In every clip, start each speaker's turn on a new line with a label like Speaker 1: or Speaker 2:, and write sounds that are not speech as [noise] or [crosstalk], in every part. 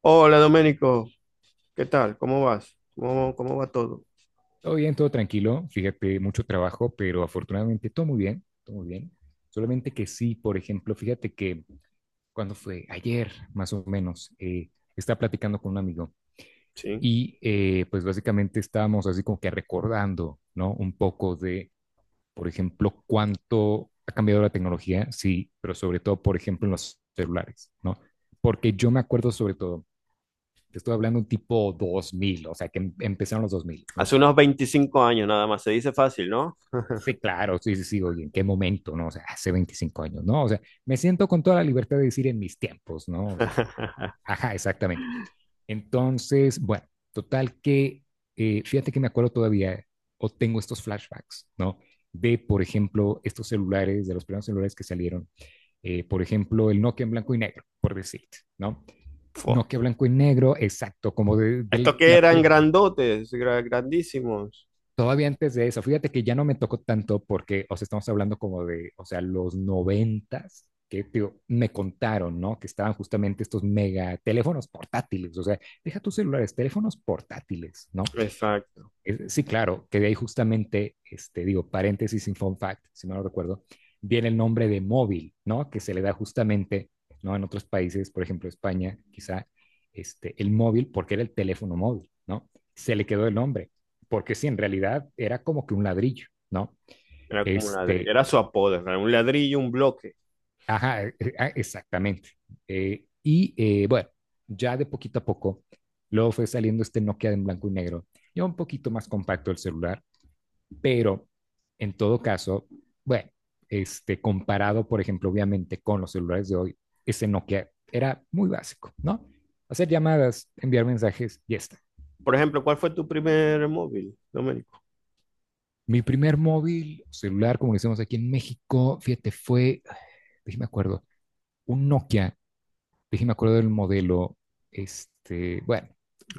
Speaker 1: Hola Doménico, ¿qué tal? ¿Cómo vas? ¿Cómo va todo?
Speaker 2: Todo bien, todo tranquilo. Fíjate, mucho trabajo, pero afortunadamente todo muy bien, todo muy bien. Solamente que sí, por ejemplo, fíjate que cuando fue ayer, más o menos, estaba platicando con un amigo
Speaker 1: Sí.
Speaker 2: y pues básicamente estábamos así como que recordando, ¿no? Un poco de, por ejemplo, cuánto ha cambiado la tecnología, sí, pero sobre todo, por ejemplo, en los celulares, ¿no? Porque yo me acuerdo sobre todo, te estoy hablando tipo 2000, o sea, que empezaron los 2000, ¿no?
Speaker 1: Hace unos 25 años nada más, se dice fácil, ¿no?
Speaker 2: Sí, claro, sí, sí, sí, oye, ¿en qué momento, no? O sea, hace 25 años, ¿no? O sea, me siento con toda la libertad de decir en mis tiempos, ¿no? O sea,
Speaker 1: [laughs]
Speaker 2: ajá, exactamente. Entonces, bueno, total que, fíjate que me acuerdo todavía, o tengo estos flashbacks, ¿no? De, por ejemplo, estos celulares, de los primeros celulares que salieron, por ejemplo, el Nokia en blanco y negro, por decirte, ¿no?
Speaker 1: Fua.
Speaker 2: Nokia blanco y negro, exacto, como de
Speaker 1: Estos que
Speaker 2: la,
Speaker 1: eran
Speaker 2: pri-
Speaker 1: grandotes, grandísimos.
Speaker 2: Todavía antes de eso, fíjate que ya no me tocó tanto porque, o sea, estamos hablando como de, o sea, los noventas, que digo, me contaron, ¿no? Que estaban justamente estos mega teléfonos portátiles, o sea, deja tus celulares, teléfonos portátiles, ¿no?
Speaker 1: Exacto.
Speaker 2: Sí, claro, que de ahí justamente, este, digo, paréntesis sin fun fact, si no lo recuerdo, viene el nombre de móvil, ¿no? Que se le da justamente, ¿no? En otros países, por ejemplo, España, quizá, este, el móvil, porque era el teléfono móvil, ¿no? Se le quedó el nombre, porque sí, en realidad era como que un ladrillo, ¿no?
Speaker 1: Era como un ladrillo.
Speaker 2: Este,
Speaker 1: Era su apodo, era un ladrillo, un bloque.
Speaker 2: ajá, exactamente. Y bueno, ya de poquito a poco, luego fue saliendo este Nokia en blanco y negro, ya un poquito más compacto el celular. Pero en todo caso, bueno, este, comparado, por ejemplo, obviamente con los celulares de hoy, ese Nokia era muy básico, ¿no? Hacer llamadas, enviar mensajes y ya está.
Speaker 1: Por ejemplo, ¿cuál fue tu primer móvil, Doménico?
Speaker 2: Mi primer móvil celular, como decimos aquí en México, fíjate, fue, déjeme acuerdo, un Nokia, déjeme acuerdo del modelo, este, bueno,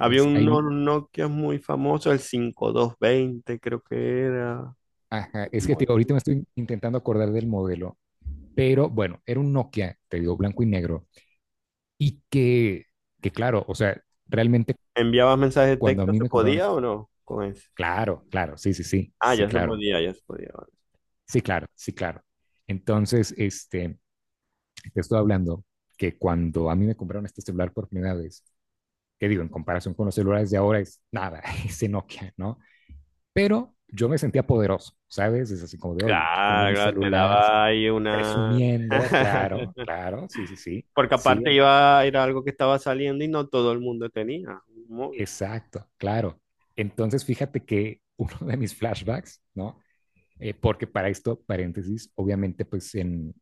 Speaker 1: Había un
Speaker 2: ahí,
Speaker 1: Nokia muy famoso, el 5220, creo que era.
Speaker 2: ajá, es que te,
Speaker 1: Muy-
Speaker 2: ahorita me estoy intentando acordar del modelo, pero bueno, era un Nokia, te digo, blanco y negro. Y que claro, o sea, realmente
Speaker 1: ¿Enviabas mensajes de
Speaker 2: cuando a
Speaker 1: texto?
Speaker 2: mí
Speaker 1: ¿Se
Speaker 2: me compraron
Speaker 1: podía o
Speaker 2: eso,
Speaker 1: no? Con ese.
Speaker 2: claro, claro, sí, sí, sí,
Speaker 1: Ah,
Speaker 2: sí,
Speaker 1: ya se
Speaker 2: claro,
Speaker 1: podía, ya se podía.
Speaker 2: sí, claro, sí, claro. Entonces, este, te estoy hablando que cuando a mí me compraron este celular por primera vez, que digo, en comparación con los celulares de ahora es nada, [laughs] ese Nokia, ¿no? Pero yo me sentía poderoso, ¿sabes? Es así como de, oye, tengo
Speaker 1: Claro,
Speaker 2: mi
Speaker 1: claro, te
Speaker 2: celular,
Speaker 1: daba ahí una.
Speaker 2: presumiendo, claro,
Speaker 1: [laughs]
Speaker 2: claro, sí, sí, sí,
Speaker 1: Porque
Speaker 2: sí,
Speaker 1: aparte iba, era algo que estaba saliendo y no todo el mundo tenía un móvil.
Speaker 2: exacto, claro. Entonces, fíjate que [laughs] uno de mis flashbacks, ¿no? Porque para esto, paréntesis, obviamente, pues en,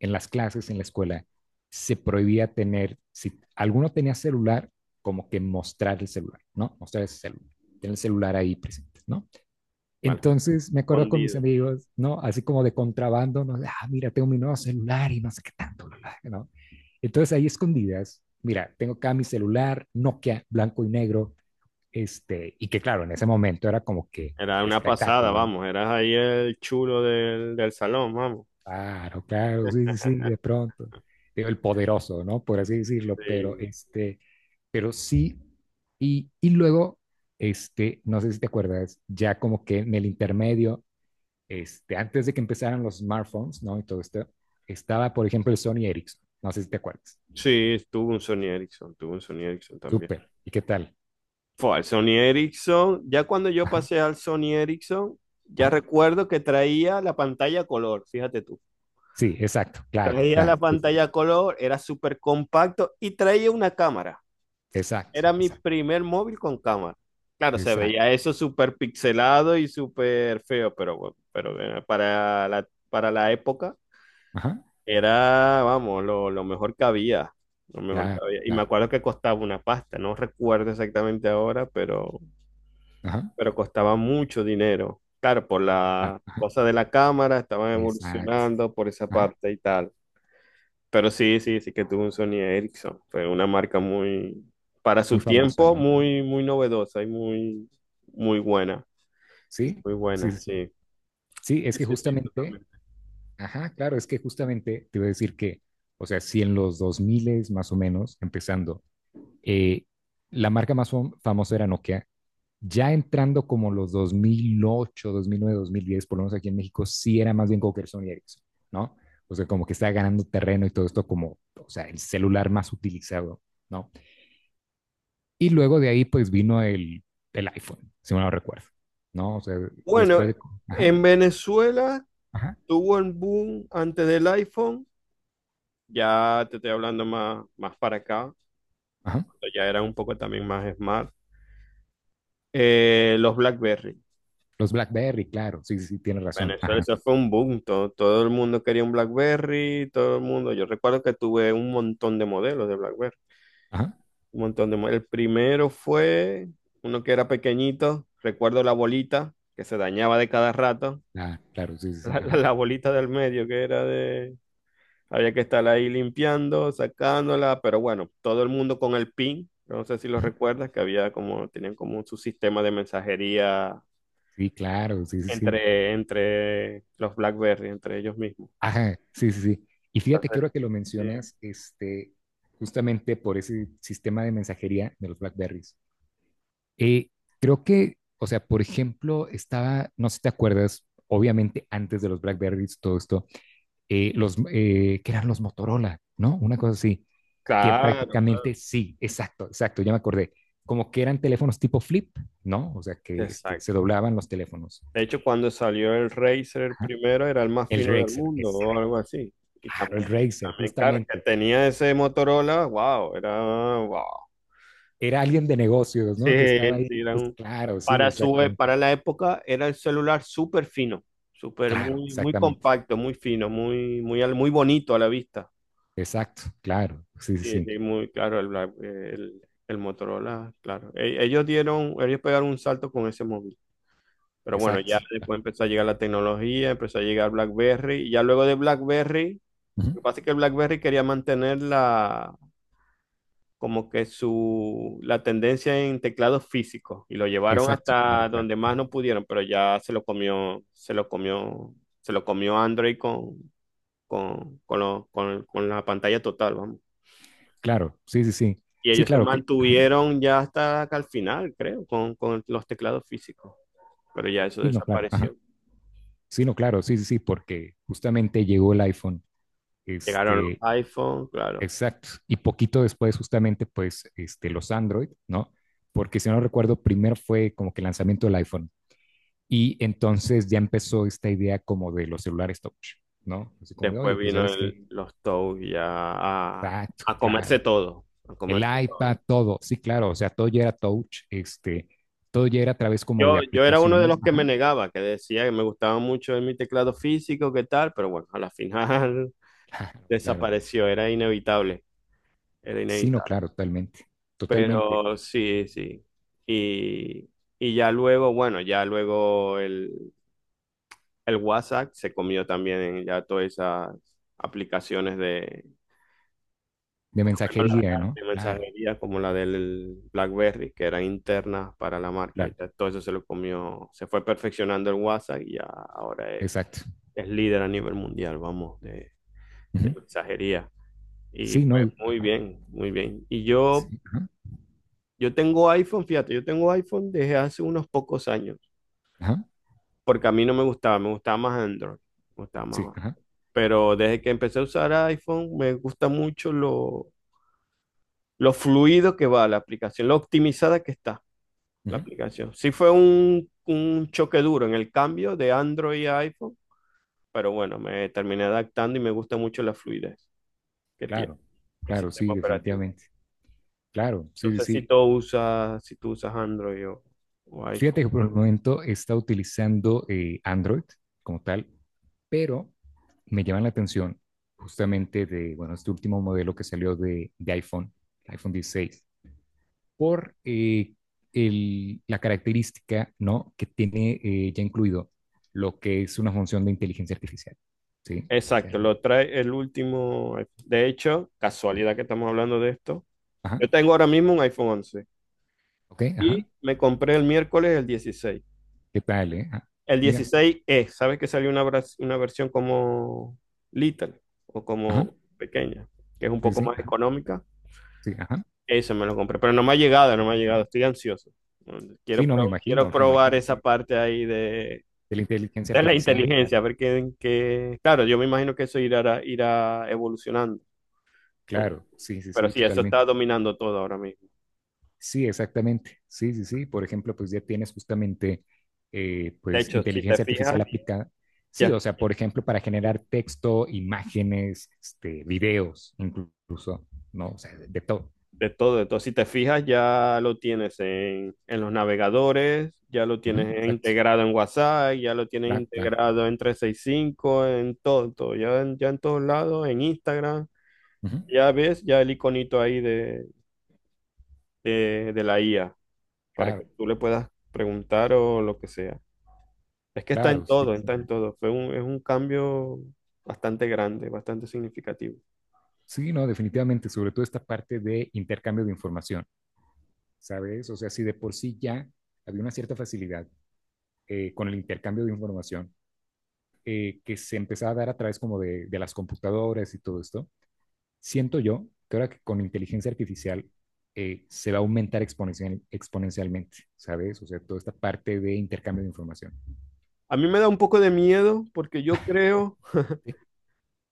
Speaker 2: en las clases, en la escuela, se prohibía tener, si alguno tenía celular, como que mostrar el celular, ¿no? Mostrar ese celular, tener el celular ahí presente, ¿no?
Speaker 1: Bueno,
Speaker 2: Entonces me acuerdo con mis
Speaker 1: escondido.
Speaker 2: amigos, ¿no? Así como de contrabando, ¿no? Ah, mira, tengo mi nuevo celular y no sé qué tanto, bla, bla, ¿no? Entonces ahí escondidas, mira, tengo acá mi celular Nokia, blanco y negro, este, y que claro, en ese momento era como que el
Speaker 1: Era una pasada,
Speaker 2: espectáculo, ¿no?
Speaker 1: vamos, eras ahí el chulo del salón, vamos.
Speaker 2: Claro, claro, sí, sí, sí, de
Speaker 1: [laughs]
Speaker 2: pronto. Digo, el poderoso, ¿no? Por así decirlo, pero
Speaker 1: Sí,
Speaker 2: este, pero sí, y luego, este, no sé si te acuerdas, ya como que en el intermedio, este, antes de que empezaran los smartphones, ¿no? Y todo esto, estaba, por ejemplo, el Sony Ericsson, no sé si te acuerdas.
Speaker 1: sí, tuve un Sony Ericsson, tuve un Sony Ericsson también.
Speaker 2: Súper, ¿y qué tal?
Speaker 1: Fue al Sony Ericsson, ya cuando yo
Speaker 2: Ajá,
Speaker 1: pasé al Sony Ericsson, ya
Speaker 2: ajá.
Speaker 1: recuerdo que traía la pantalla a color, fíjate tú.
Speaker 2: Sí, exacto, claro,
Speaker 1: Traía la
Speaker 2: claro, sí, sí, sí.
Speaker 1: pantalla a color, era súper compacto y traía una cámara.
Speaker 2: Exacto,
Speaker 1: Era mi
Speaker 2: exacto,
Speaker 1: primer móvil con cámara. Claro, se
Speaker 2: exacto,
Speaker 1: veía eso súper pixelado y súper feo, pero bueno, pero para la época
Speaker 2: ajá,
Speaker 1: era, vamos, lo mejor que había. Lo mejor que
Speaker 2: claro.
Speaker 1: había. Y me
Speaker 2: Claro.
Speaker 1: acuerdo que costaba una pasta, no recuerdo exactamente ahora, pero
Speaker 2: Ajá,
Speaker 1: costaba mucho dinero. Claro, por
Speaker 2: claro,
Speaker 1: la
Speaker 2: ajá,
Speaker 1: cosa de la cámara, estaban
Speaker 2: exacto,
Speaker 1: evolucionando por esa
Speaker 2: ajá,
Speaker 1: parte y tal. Pero sí, sí, sí que tuvo un Sony Ericsson. Fue una marca muy, para
Speaker 2: muy
Speaker 1: su
Speaker 2: famosa,
Speaker 1: tiempo,
Speaker 2: ¿no?
Speaker 1: muy, muy novedosa y muy, muy buena. Y
Speaker 2: Sí,
Speaker 1: muy
Speaker 2: sí, sí,
Speaker 1: buena,
Speaker 2: sí,
Speaker 1: sí.
Speaker 2: sí, es
Speaker 1: Sí,
Speaker 2: que
Speaker 1: sí, sí,
Speaker 2: justamente,
Speaker 1: totalmente.
Speaker 2: ajá, claro, es que justamente te voy a decir que, o sea, si en los 2000 más o menos, empezando, eh, la marca más famosa era Nokia, ya entrando como los dos mil ocho, 2009, 2010, por lo menos aquí en México, sí era más bien como que Sony Ericsson, ¿no? O sea, como que está ganando terreno y todo esto como, o sea, el celular más utilizado, ¿no? Y luego de ahí, pues vino el iPhone, si no lo recuerdo, ¿no? O sea,
Speaker 1: Bueno,
Speaker 2: después de. Ajá,
Speaker 1: en Venezuela
Speaker 2: ajá,
Speaker 1: tuvo el boom antes del iPhone. Ya te estoy hablando más, más para acá.
Speaker 2: ajá.
Speaker 1: Cuando ya era un poco también más smart. Los BlackBerry.
Speaker 2: Los BlackBerry, claro, sí, sí, sí, tienes razón.
Speaker 1: Venezuela,
Speaker 2: Ajá,
Speaker 1: eso fue un boom. Todo, todo el mundo quería un BlackBerry, todo el mundo. Yo recuerdo que tuve un montón de modelos de BlackBerry.
Speaker 2: ajá,
Speaker 1: Un montón de El primero fue uno que era pequeñito, recuerdo la bolita que se dañaba de cada rato.
Speaker 2: ah, claro, sí, sí,
Speaker 1: [laughs]
Speaker 2: sí, ajá,
Speaker 1: La bolita del medio que era de. Había que estar ahí limpiando, sacándola, pero bueno, todo el mundo con el pin, no sé si lo
Speaker 2: ujú,
Speaker 1: recuerdas, que había como, tenían como su sistema de mensajería
Speaker 2: sí, claro, sí, sí, sí.
Speaker 1: entre los BlackBerry, entre ellos mismos.
Speaker 2: Ajá, sí, sí, sí. Y fíjate que
Speaker 1: Entonces,
Speaker 2: ahora que lo
Speaker 1: sí.
Speaker 2: mencionas, este, justamente por ese sistema de mensajería de los BlackBerries, eh, creo que, o sea, por ejemplo, estaba, no sé si te acuerdas, obviamente antes de los BlackBerries, todo esto, que eran los Motorola, ¿no? Una cosa así, que
Speaker 1: Claro, claro.
Speaker 2: prácticamente sí, exacto, exacto, ya me acordé, como que eran teléfonos tipo flip, ¿no? O sea, que este, se
Speaker 1: Exacto.
Speaker 2: doblaban los teléfonos.
Speaker 1: De hecho, cuando salió el Razer
Speaker 2: Ajá.
Speaker 1: primero era el más
Speaker 2: El
Speaker 1: fino del
Speaker 2: Razer,
Speaker 1: mundo o
Speaker 2: exacto,
Speaker 1: algo así. Y
Speaker 2: claro, el
Speaker 1: también,
Speaker 2: Razer,
Speaker 1: también claro, que
Speaker 2: justamente.
Speaker 1: tenía ese Motorola, wow, era wow.
Speaker 2: Era alguien de negocios,
Speaker 1: Sí,
Speaker 2: ¿no? Que estaba ahí,
Speaker 1: sí,
Speaker 2: pues, claro, sí,
Speaker 1: para su,
Speaker 2: exactamente,
Speaker 1: para la época era el celular súper fino, súper
Speaker 2: claro,
Speaker 1: muy, muy
Speaker 2: exactamente,
Speaker 1: compacto, muy fino, muy, muy, muy bonito a la vista.
Speaker 2: exacto, claro, sí, sí,
Speaker 1: Sí,
Speaker 2: sí,
Speaker 1: sí, muy claro, el, el Motorola, claro. Ellos dieron, ellos pegaron un salto con ese móvil. Pero bueno,
Speaker 2: exacto,
Speaker 1: ya
Speaker 2: ah,
Speaker 1: después empezó a llegar la tecnología, empezó a llegar BlackBerry. Y ya luego de BlackBerry, lo
Speaker 2: ujú,
Speaker 1: que pasa es que BlackBerry quería mantener la, como que su, la tendencia en teclados físicos. Y lo llevaron
Speaker 2: exacto, claro,
Speaker 1: hasta
Speaker 2: claro,
Speaker 1: donde más no pudieron, pero ya se lo comió, se lo comió, se lo comió Android con la pantalla total, vamos.
Speaker 2: claro, sí, sí, sí,
Speaker 1: Y
Speaker 2: sí,
Speaker 1: ellos se
Speaker 2: claro que, ajá,
Speaker 1: mantuvieron ya hasta acá al final, creo, con los teclados físicos. Pero ya eso
Speaker 2: sí, no, claro, ajá.
Speaker 1: desapareció.
Speaker 2: Sí, no, claro, sí, sí, sí, porque justamente llegó el iPhone,
Speaker 1: Llegaron los
Speaker 2: este,
Speaker 1: iPhone, claro.
Speaker 2: exacto, y poquito después justamente, pues, este, los Android, ¿no? Porque si no recuerdo, primero fue como que el lanzamiento del iPhone y entonces ya empezó esta idea como de los celulares touch, ¿no? Así como de, oye,
Speaker 1: Después
Speaker 2: pues,
Speaker 1: vino
Speaker 2: ¿sabes qué?
Speaker 1: los Toads ya
Speaker 2: Exacto,
Speaker 1: a comerse
Speaker 2: claro,
Speaker 1: todo, a
Speaker 2: el
Speaker 1: comerse
Speaker 2: iPad,
Speaker 1: todo.
Speaker 2: todo, sí, claro, o sea, todo ya era touch, este, todo ya era a través como de
Speaker 1: Yo era uno de
Speaker 2: aplicaciones,
Speaker 1: los que me
Speaker 2: ajá,
Speaker 1: negaba, que decía que me gustaba mucho mi teclado físico, qué tal, pero bueno, a la final
Speaker 2: [laughs] claro,
Speaker 1: [laughs]
Speaker 2: claro,
Speaker 1: desapareció, era inevitable, era
Speaker 2: sí, no,
Speaker 1: inevitable.
Speaker 2: claro, totalmente, totalmente,
Speaker 1: Pero sí, sí. Y, y ya luego, bueno, ya luego el WhatsApp se comió también ya todas esas aplicaciones
Speaker 2: de mensajería, ¿no?
Speaker 1: de
Speaker 2: Claro.
Speaker 1: mensajería como la del BlackBerry, que eran internas para la marca. Y
Speaker 2: Claro,
Speaker 1: ya todo eso se lo comió, se fue perfeccionando el WhatsApp y ya ahora
Speaker 2: exacto.
Speaker 1: es líder a nivel mundial, vamos, de
Speaker 2: Ujú.
Speaker 1: mensajería. Y
Speaker 2: Sí, no,
Speaker 1: pues muy
Speaker 2: ajá,
Speaker 1: bien, muy bien.
Speaker 2: sí, ajá,
Speaker 1: Yo tengo iPhone, fíjate, yo tengo iPhone desde hace unos pocos años,
Speaker 2: ajá,
Speaker 1: porque a mí no me gustaba, me gustaba más Android, me gustaba
Speaker 2: sí,
Speaker 1: más.
Speaker 2: ajá,
Speaker 1: Pero desde que empecé a usar iPhone, me gusta mucho lo fluido que va la aplicación, lo optimizada que está la
Speaker 2: ujú.
Speaker 1: aplicación. Sí fue un choque duro en el cambio de Android a iPhone, pero bueno, me terminé adaptando y me gusta mucho la fluidez que tiene
Speaker 2: Claro,
Speaker 1: el
Speaker 2: claro, sí,
Speaker 1: sistema operativo.
Speaker 2: definitivamente. Claro,
Speaker 1: No
Speaker 2: sí, sí,
Speaker 1: sé si
Speaker 2: sí.
Speaker 1: tú usas, si tú usas Android o
Speaker 2: Fíjate
Speaker 1: iPhone.
Speaker 2: que por el momento está utilizando Android como tal, pero me llama la atención justamente de, bueno, este último modelo que salió de iPhone, iPhone 16, por la característica, ¿no? Que tiene ya incluido lo que es una función de inteligencia artificial, ¿sí? O sea,
Speaker 1: Exacto, lo trae el último iPhone. De hecho,
Speaker 2: ujú.
Speaker 1: casualidad que estamos hablando de esto.
Speaker 2: Ajá.
Speaker 1: Yo tengo ahora mismo un iPhone 11
Speaker 2: Ok, ajá.
Speaker 1: y me compré el miércoles el 16.
Speaker 2: ¿Qué tal, eh? Ah,
Speaker 1: El
Speaker 2: mira,
Speaker 1: dieciséis e ¿sabes que salió una, una versión como Little o
Speaker 2: ajá.
Speaker 1: como pequeña, que es un
Speaker 2: Sí,
Speaker 1: poco
Speaker 2: sí,
Speaker 1: más
Speaker 2: ajá.
Speaker 1: económica?
Speaker 2: Sí, ajá,
Speaker 1: Eso me lo compré, pero no me ha llegado, no me ha llegado,
Speaker 2: ajá.
Speaker 1: estoy ansioso. Quiero,
Speaker 2: Sí, no, me
Speaker 1: quiero
Speaker 2: imagino, me
Speaker 1: probar
Speaker 2: imagino,
Speaker 1: esa
Speaker 2: claro.
Speaker 1: parte ahí
Speaker 2: De la inteligencia
Speaker 1: de la
Speaker 2: artificial,
Speaker 1: inteligencia,
Speaker 2: claro.
Speaker 1: a ver qué, Claro, yo me imagino que eso irá, irá evolucionando,
Speaker 2: Claro, sí, sí,
Speaker 1: pero
Speaker 2: sí,
Speaker 1: sí, eso
Speaker 2: totalmente.
Speaker 1: está dominando todo ahora mismo.
Speaker 2: Sí, exactamente. Sí, sí, sí. Por ejemplo, pues ya tienes justamente,
Speaker 1: De
Speaker 2: pues,
Speaker 1: hecho, si te
Speaker 2: inteligencia
Speaker 1: fijas,
Speaker 2: artificial aplicada. Sí,
Speaker 1: ya.
Speaker 2: o sea, por ejemplo, para generar texto, imágenes, este, videos, incluso, ¿no? O sea, de todo.
Speaker 1: De todo, de todo. Si te fijas, ya lo tienes en los navegadores, ya lo
Speaker 2: Ujú,
Speaker 1: tienes
Speaker 2: exacto.
Speaker 1: integrado en WhatsApp, ya lo tienes
Speaker 2: Claro, claro.
Speaker 1: integrado en 365, en todo, todo. Ya, ya en todos lados, en Instagram.
Speaker 2: Ujú,
Speaker 1: Ya ves, ya el iconito ahí de la IA, para que
Speaker 2: claro,
Speaker 1: tú le puedas preguntar o lo que sea. Es que está en
Speaker 2: claro. Sí,
Speaker 1: todo,
Speaker 2: sí.
Speaker 1: está en todo. Fue es un cambio bastante grande, bastante significativo.
Speaker 2: Sí, no, definitivamente, sobre todo esta parte de intercambio de información, ¿sabes? O sea, si de por sí ya había una cierta facilidad con el intercambio de información que se empezaba a dar a través como de las computadoras y todo esto, siento yo que ahora que con inteligencia artificial se va a aumentar exponencialmente, ¿sabes? O sea, toda esta parte de intercambio de información.
Speaker 1: A mí me da un poco de miedo porque yo creo.
Speaker 2: Sí,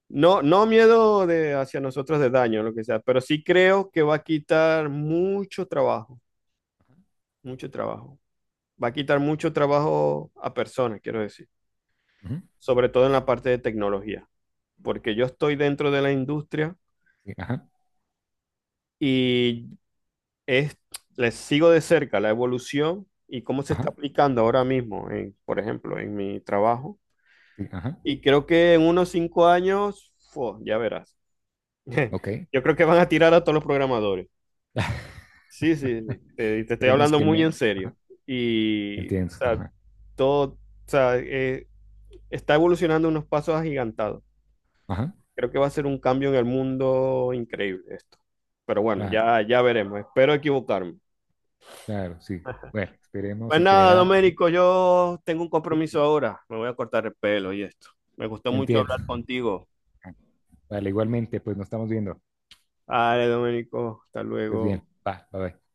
Speaker 1: No, no miedo de hacia nosotros de daño, lo que sea, pero sí creo que va a quitar mucho trabajo, mucho trabajo. Va a quitar mucho trabajo a personas, quiero decir,
Speaker 2: ujú,
Speaker 1: sobre todo en la parte de tecnología, porque yo estoy dentro de la industria
Speaker 2: sí, ajá,
Speaker 1: y es, les sigo de cerca la evolución y cómo se está
Speaker 2: ajá,
Speaker 1: aplicando ahora mismo, en, por ejemplo, en mi trabajo.
Speaker 2: sí, ajá,
Speaker 1: Y creo que en unos 5 años, fu, ya verás. [laughs]
Speaker 2: ok.
Speaker 1: Yo creo que van a tirar a todos los programadores.
Speaker 2: [laughs]
Speaker 1: Sí, sí, sí. Te estoy
Speaker 2: Esperemos
Speaker 1: hablando
Speaker 2: que
Speaker 1: muy en
Speaker 2: no.
Speaker 1: serio.
Speaker 2: Ajá,
Speaker 1: Y, o
Speaker 2: entiendo.
Speaker 1: sea,
Speaker 2: Ajá,
Speaker 1: todo, o sea, está evolucionando unos pasos agigantados.
Speaker 2: ajá,
Speaker 1: Creo que va a ser un cambio en el mundo increíble esto. Pero bueno,
Speaker 2: claro.
Speaker 1: ya, ya veremos. Espero equivocarme.
Speaker 2: Claro, sí. Bueno, esperemos
Speaker 1: Pues
Speaker 2: en
Speaker 1: nada,
Speaker 2: general.
Speaker 1: Doménico, yo tengo un
Speaker 2: ¿Sí?
Speaker 1: compromiso ahora. Me voy a cortar el pelo y esto. Me gustó mucho
Speaker 2: Entiendo.
Speaker 1: hablar contigo.
Speaker 2: Vale, igualmente, pues nos estamos viendo.
Speaker 1: Vale, Doménico, hasta
Speaker 2: Pues bien,
Speaker 1: luego.
Speaker 2: va, bye bye.